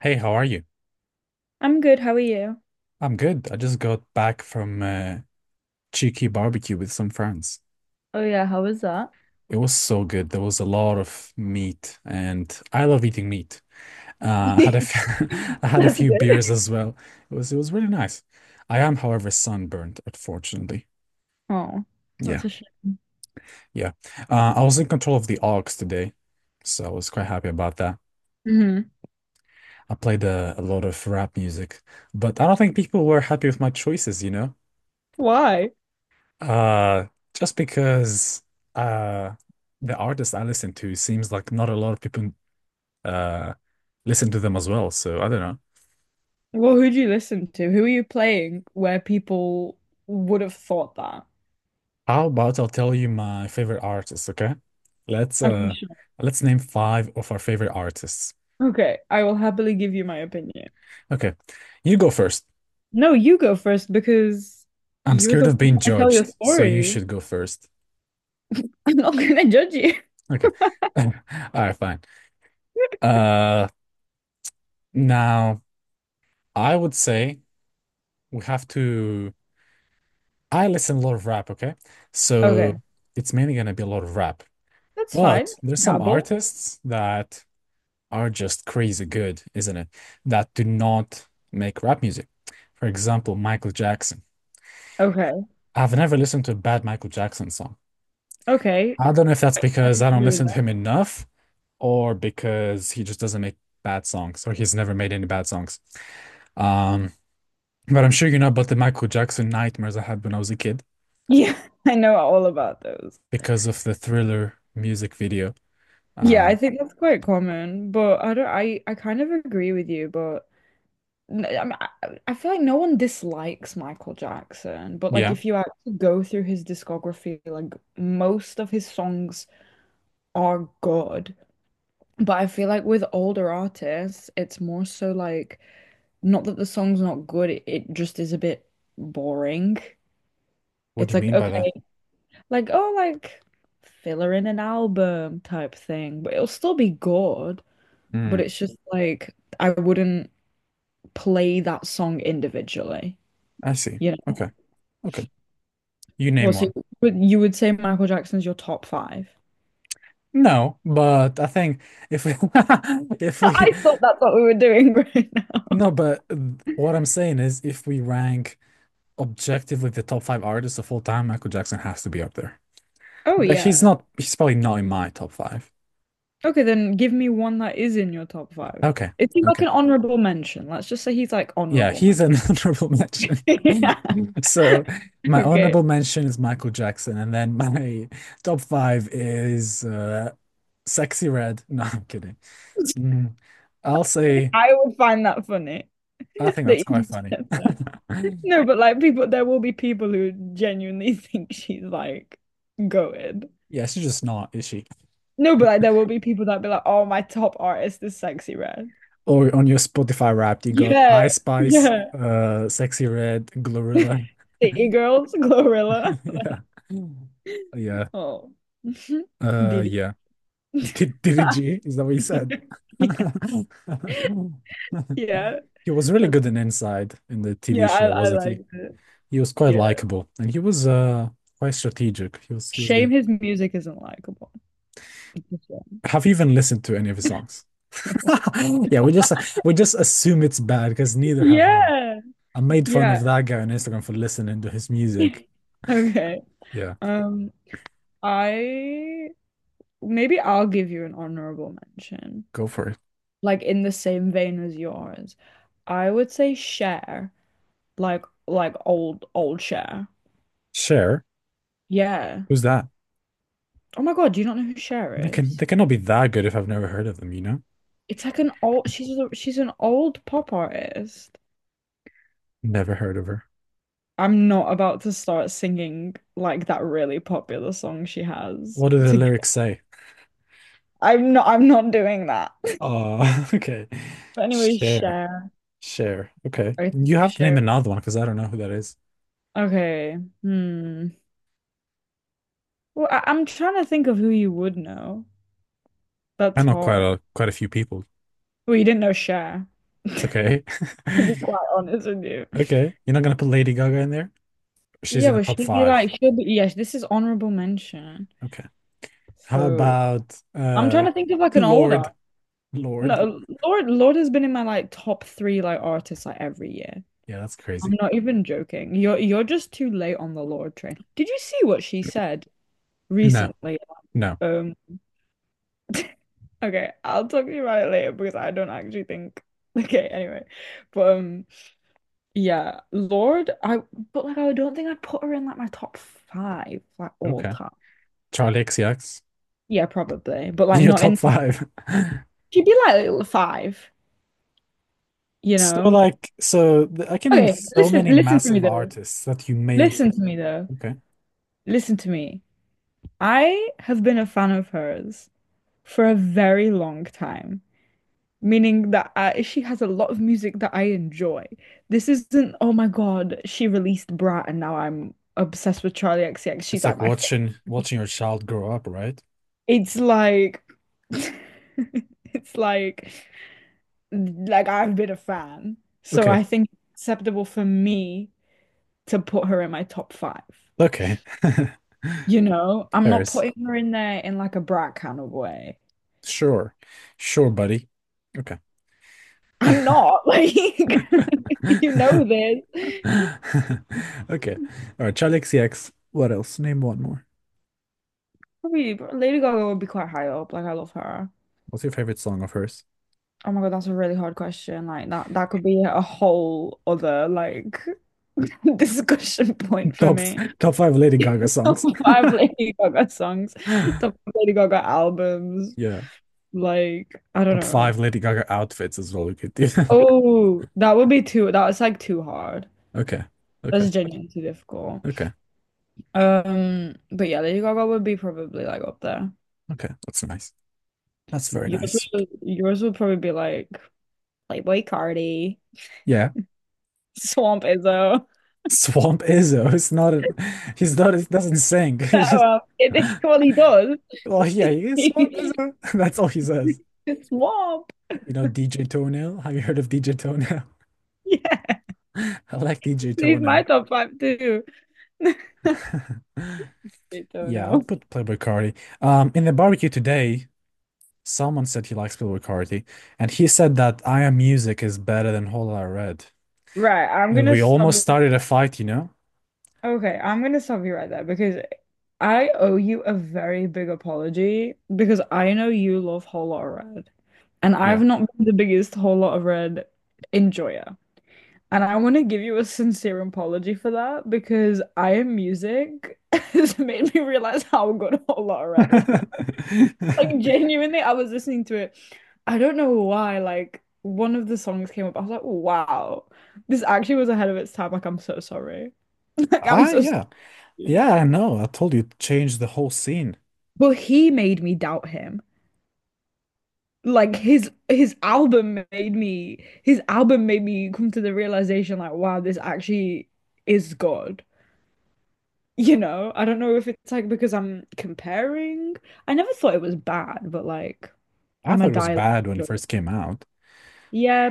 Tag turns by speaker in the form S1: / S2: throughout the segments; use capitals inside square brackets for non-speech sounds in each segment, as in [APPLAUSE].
S1: Hey, how are you?
S2: I'm good. How are you?
S1: I'm good. I just got back from a cheeky barbecue with some friends.
S2: Oh yeah, how was that?
S1: It was so good. There was a lot of meat, and I love eating meat. I had a
S2: [LAUGHS]
S1: few, [LAUGHS] I had a
S2: That's
S1: few beers
S2: good.
S1: as well. It was really nice. I am, however, sunburned, unfortunately.
S2: Oh,
S1: Yeah,
S2: that's a shame.
S1: yeah. I was in control of the aux today, so I was quite happy about that.
S2: Hmm.
S1: I played a lot of rap music, but I don't think people were happy with my choices?
S2: Why?
S1: Uh, just because uh the artist I listen to seems like not a lot of people uh listen to them as well. So I don't know.
S2: Well, who'd you listen to? Who are you playing where people would have thought that?
S1: How about I'll tell you my favorite artists, okay? Let's
S2: I'm pretty
S1: uh
S2: sure.
S1: let's name five of our favorite artists.
S2: Okay, I will happily give you my opinion.
S1: Okay. You go first.
S2: No, you go first because
S1: I'm
S2: you're
S1: scared
S2: the one
S1: of being
S2: trying to tell your
S1: judged, so you
S2: story.
S1: should go first.
S2: [LAUGHS] I'm not gonna judge you.
S1: Okay. [LAUGHS] All right, fine. Uh now I would say we have to I listen a lot of rap, okay?
S2: Okay,
S1: So it's mainly gonna be a lot of rap.
S2: that's fine.
S1: But there's some
S2: Dabble.
S1: artists that are just crazy good, isn't it? That do not make rap music. For example, Michael Jackson.
S2: Okay.
S1: I've never listened to a bad Michael Jackson song.
S2: Okay,
S1: I don't know if that's
S2: I
S1: because I don't
S2: agree with
S1: listen to
S2: that.
S1: him enough or because he just doesn't make bad songs or he's never made any bad songs. Um, but I'm sure you know about the Michael Jackson nightmares I had when I was a kid
S2: Yeah, [LAUGHS] I know all about those.
S1: because of the Thriller music video.
S2: Yeah, I
S1: Um,
S2: think that's quite common, but I don't. I kind of agree with you, but I mean, I feel like no one dislikes Michael Jackson, but like
S1: yeah.
S2: if you actually go through his discography, like most of his songs are good. But I feel like with older artists, it's more so like not that the song's not good, it just is a bit boring.
S1: What do
S2: It's
S1: you
S2: like,
S1: mean by that?
S2: okay, like, oh, like filler in an album type thing, but it'll still be good. But
S1: Mm,
S2: it's just like I wouldn't play that song individually,
S1: I see.
S2: you know.
S1: Okay. Okay. You
S2: Well,
S1: name
S2: so
S1: one.
S2: you would say Michael Jackson's your top five?
S1: No, but I think if we [LAUGHS] if
S2: [LAUGHS]
S1: we
S2: I thought that's what we were doing [LAUGHS] right now.
S1: no, but what I'm saying is if we rank objectively the top 5 artists of all time, Michael Jackson has to be up there.
S2: Oh
S1: But
S2: yeah.
S1: he's probably not in my top 5.
S2: Okay, then give me one that is in your top five.
S1: Okay.
S2: Is he like
S1: Okay.
S2: an honorable mention? Let's just say he's like
S1: Yeah,
S2: honorable
S1: he's
S2: mention.
S1: an [LAUGHS] honorable mention.
S2: [LAUGHS]
S1: [LAUGHS]
S2: Yeah.
S1: So
S2: [LAUGHS]
S1: my
S2: Okay.
S1: honorable mention is Michael Jackson, and then my [LAUGHS] top 5 is Sexy Red. [LAUGHS] No, I'm kidding.
S2: [LAUGHS]
S1: Mm. I'll say,
S2: I would find that funny [LAUGHS]
S1: I think
S2: that
S1: that's quite
S2: you
S1: funny.
S2: said that.
S1: [LAUGHS]
S2: No, but like people, there will be people who genuinely [LAUGHS] think she's like goated.
S1: Yeah, she's just not, is she?
S2: No, but like there will be people that be like, oh, my top artist is Sexy Red.
S1: Or on your Spotify Wrapped, you got
S2: Yeah,
S1: I Spice,
S2: yeah.
S1: Sexy Red, Glorilla.
S2: [LAUGHS] City Girls, Glorilla.
S1: [LAUGHS] Yeah.
S2: Like,
S1: Mm. Yeah.
S2: oh, [LAUGHS] BD.
S1: Yeah. [LAUGHS]
S2: [LAUGHS]
S1: Did it G? Is that what you said?
S2: Yeah,
S1: [LAUGHS]
S2: yeah,
S1: He was really
S2: But-
S1: good in Inside in the
S2: yeah.
S1: TV show,
S2: I
S1: wasn't
S2: like
S1: he?
S2: it.
S1: He was quite
S2: Yeah.
S1: likable and he was quite strategic. He was
S2: Shame
S1: good.
S2: his music isn't likable. [LAUGHS]
S1: Have you even listened to any of his songs? [LAUGHS] Yeah, we just assume it's bad because neither have I.
S2: Yeah,
S1: I made fun of
S2: yeah.
S1: that guy on Instagram for listening to his music.
S2: [LAUGHS] Okay.
S1: Yeah,
S2: Um, I maybe I'll give you an honorable mention,
S1: go for it.
S2: like in the same vein as yours. I would say Cher, like old old Cher.
S1: Cher,
S2: Yeah.
S1: who's that?
S2: Oh my God, do you not know who Cher
S1: They
S2: is?
S1: cannot be that good if I've never heard of them, you know?
S2: It's like an old she's a, she's an old pop artist.
S1: Never heard of her.
S2: I'm not about to start singing like that really popular song she has
S1: What do the
S2: to
S1: lyrics say?
S2: I'm not doing that. [LAUGHS]
S1: Oh, [LAUGHS] okay.
S2: But anyway,
S1: Cher,
S2: Cher.
S1: Cher. Okay,
S2: I think
S1: you have to name
S2: Cher.
S1: another one because I don't know who that is.
S2: Okay. Hmm. Well, I'm trying to think of who you would know.
S1: I
S2: That's
S1: know quite
S2: hard.
S1: a quite a few people.
S2: Well, you didn't know Cher, [LAUGHS] to
S1: Okay,
S2: be quite
S1: [LAUGHS]
S2: honest with you.
S1: okay. You're not gonna put Lady Gaga in there? She's
S2: Yeah,
S1: in the
S2: but
S1: top
S2: she'd be
S1: five.
S2: like, she'll be, yes, this is honorable mention.
S1: Okay. How
S2: So
S1: about
S2: I'm trying to think of like an older.
S1: Lord? Lord.
S2: No, Lord has been in my like top three like artists like every year.
S1: Yeah, that's
S2: I'm
S1: crazy.
S2: not even joking. You're just too late on the Lord train. Did you see what she said
S1: No,
S2: recently?
S1: no.
S2: Um, [LAUGHS] okay, I'll talk to you about it later because I don't actually think. [LAUGHS] Okay, anyway, but. Yeah, Lord, I but like I don't think I'd put her in like my top five, like all
S1: Okay.
S2: time.
S1: Charlie XCX.
S2: Yeah, probably, but
S1: [LAUGHS]
S2: like
S1: Your
S2: not
S1: top
S2: in.
S1: five. [LAUGHS]
S2: She'd be like little five, you know.
S1: I can name
S2: Okay,
S1: so
S2: listen,
S1: many
S2: listen to me
S1: massive
S2: though.
S1: artists that you may
S2: Listen to me though.
S1: okay.
S2: Listen to me. I have been a fan of hers for a very long time, meaning that she has a lot of music that I enjoy. This isn't, oh my God, she released Brat and now I'm obsessed with Charlie XCX. She's
S1: It's
S2: like
S1: like
S2: my favorite.
S1: watching your child grow up, right?
S2: It's like [LAUGHS] it's like I've been a fan, so
S1: Okay.
S2: I think it's acceptable for me to put her in my top five.
S1: Okay. [LAUGHS]
S2: I'm not
S1: Paris.
S2: putting her in there in like a brat kind of way.
S1: Sure. Sure, buddy. Okay. [LAUGHS]
S2: I'm not [LAUGHS] like [LAUGHS] you know this.
S1: Okay. All right, Charlie XCX. What else? Name one more.
S2: Probably Lady Gaga would be quite high up. Like I love her.
S1: What's your favorite song of hers?
S2: Oh my God, that's a really hard question. Like that could be a whole other like [LAUGHS] discussion point for
S1: Top
S2: me.
S1: top five Lady
S2: [LAUGHS]
S1: Gaga
S2: Top
S1: songs. [GASPS]
S2: five Lady Gaga songs, top
S1: [LAUGHS]
S2: five Lady Gaga albums.
S1: Yeah.
S2: Like, I don't
S1: Top
S2: know.
S1: five Lady Gaga outfits as well. We could do. [LAUGHS]
S2: Oh, that would be too, that's like too hard.
S1: Okay. Okay.
S2: That's genuinely too difficult.
S1: Okay.
S2: But yeah, Lady Gaga would be probably like up there.
S1: Okay. That's nice. That's very
S2: Yours
S1: nice.
S2: would, yours would probably be like Playboy Cardi,
S1: Yeah.
S2: Swamp Izzo. [LAUGHS]
S1: Swamp Izzo. [LAUGHS] It's not a, he doesn't sing. [LAUGHS] He's just
S2: Well, well, he does.
S1: well yeah,
S2: [LAUGHS]
S1: he is Swamp
S2: It's
S1: Izzo. [LAUGHS] That's all he says.
S2: Swamp.
S1: You know, DJ Toenail. Have you heard of DJ Toenail?
S2: Yeah,
S1: [LAUGHS] I like DJ
S2: he's my
S1: Toenail.
S2: top five too. [LAUGHS] I
S1: [LAUGHS]
S2: don't
S1: Yeah, I'd
S2: know.
S1: put Playboy Cardi. In the barbecue today, someone said he likes Playboy Carti, and he said that I Am Music is better than Whole Lotta Red.
S2: Right, I'm
S1: And
S2: gonna
S1: we
S2: stop
S1: almost started a fight, you know?
S2: Okay, I'm gonna stop you right there because I owe you a very big apology because I know you love Whole Lot of Red, and I've
S1: Yeah.
S2: not been the biggest Whole Lot of Red enjoyer. And I want to give you a sincere apology for that because I Am Music [LAUGHS] has made me realize how good Whole Lot of Red was. Like
S1: [LAUGHS]
S2: genuinely, I was listening to it. I don't know why. Like one of the songs came up, I was like, wow, this actually was ahead of its time. Like I'm so sorry. [LAUGHS] Like I'm
S1: Ah,
S2: so
S1: yeah.
S2: sorry.
S1: Yeah, I know. I told you it changed the whole scene.
S2: But he made me doubt him. Like his album made me come to the realization like wow this actually is God. I don't know if it's like because I'm comparing. I never thought it was bad, but like
S1: I
S2: I'm a
S1: thought it was
S2: dialect.
S1: bad when it first came out.
S2: Yeah,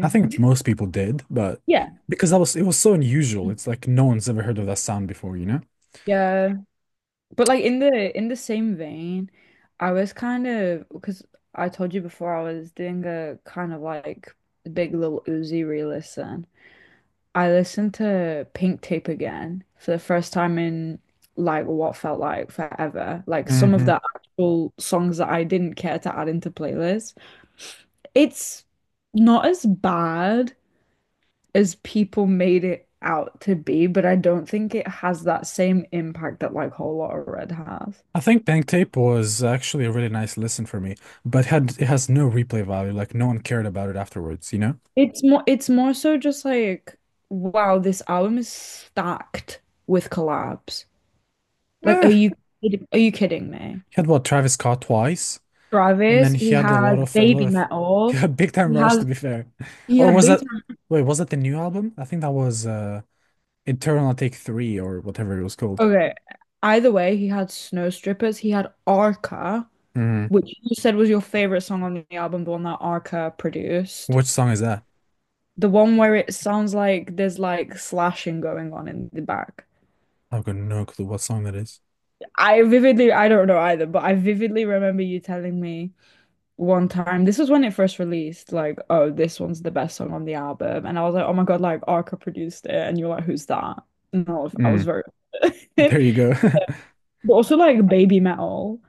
S1: I think most people did, but
S2: Yeah.
S1: because that was it was so unusual. It's like no one's ever heard of that sound before, you know?
S2: Yeah. But like in the same vein, I was kind of because I told you before I was doing a kind of like big little Uzi re-listen. I listened to Pink Tape again for the first time in like what felt like forever. Like some of the
S1: Hmm.
S2: actual songs that I didn't care to add into playlists. It's not as bad as people made it out to be, but I don't think it has that same impact that like Whole Lotta Red has.
S1: I think Pink Tape was actually a really nice listen for me, but had it has no replay value. Like no one cared about it afterwards, you know?
S2: It's more so just like, wow, this album is stacked with collabs. Like, are
S1: Eh, he
S2: you are you kidding me?
S1: had what Travis Scott twice, and
S2: Travis,
S1: then
S2: he
S1: he had
S2: has
S1: a lot
S2: Baby
S1: of [LAUGHS] he
S2: Metal.
S1: had Big Time
S2: He
S1: Rush to
S2: has
S1: be fair.
S2: he
S1: Or
S2: had
S1: was
S2: Big
S1: that
S2: Time.
S1: wait, was that the new album? I think that was Eternal Take Three or whatever it was called.
S2: Okay, either way, he had Snow Strippers. He had Arca,
S1: Mm.
S2: which you said was your favorite song on the album, the one that Arca produced.
S1: Which song is that?
S2: The one where it sounds like there's like slashing going on in the back.
S1: I've got no clue what song that is.
S2: I vividly, I don't know either, but I vividly remember you telling me one time. This was when it first released, like, oh, this one's the best song on the album. And I was like, oh my God, like Arca produced it. And you're like, who's that? And I was
S1: Mm.
S2: very
S1: [LAUGHS]
S2: [LAUGHS]
S1: There you go. [LAUGHS]
S2: But also like Baby Metal.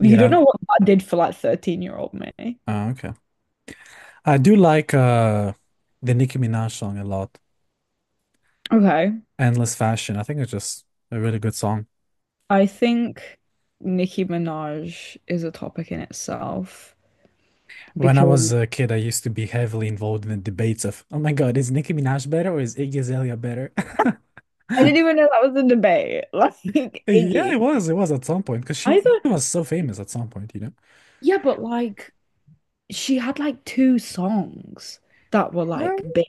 S2: You don't know what that did for like 13-year-old me.
S1: okay. I do like the Nicki Minaj song a lot.
S2: Okay.
S1: Endless Fashion. I think it's just a really good song.
S2: I think Nicki Minaj is a topic in itself
S1: When I was
S2: because
S1: a kid, I used to be heavily involved in the debates of, oh my God, is Nicki Minaj better or is Iggy Azalea better?
S2: I didn't
S1: [LAUGHS]
S2: even know that was a debate. [LAUGHS] Like
S1: Yeah, it
S2: Iggy.
S1: was. It was at some point because
S2: I
S1: she
S2: thought,
S1: was so famous at some point, you know?
S2: yeah, but like she had like two songs that were
S1: Uh,
S2: like big.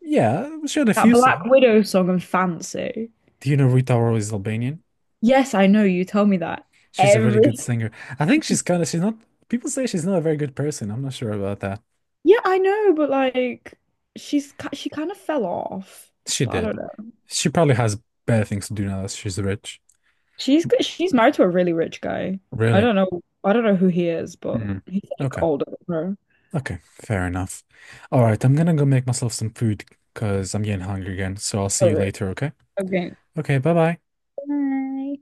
S1: yeah, she had a
S2: That
S1: few
S2: Black
S1: songs.
S2: Widow song I fancy.
S1: Do you know Rita Ora is Albanian?
S2: Yes, I know you tell me that
S1: She's a really good
S2: every.
S1: singer. I think she's kind of, she's not, people say she's not a very good person. I'm not sure about that.
S2: Yeah, I know, but like she kind of fell off.
S1: She
S2: But I
S1: did.
S2: don't know.
S1: She probably has better things to do now that she's rich.
S2: She's married to a really rich guy. I
S1: Really?
S2: don't know. I don't know who he is, but
S1: Mhm.
S2: he's like
S1: Okay.
S2: older than her.
S1: Okay, fair enough. All right, I'm gonna go make myself some food because I'm getting hungry again. So I'll see
S2: Oh,
S1: you
S2: yeah.
S1: later, okay?
S2: Okay.
S1: Okay, bye bye.
S2: Bye.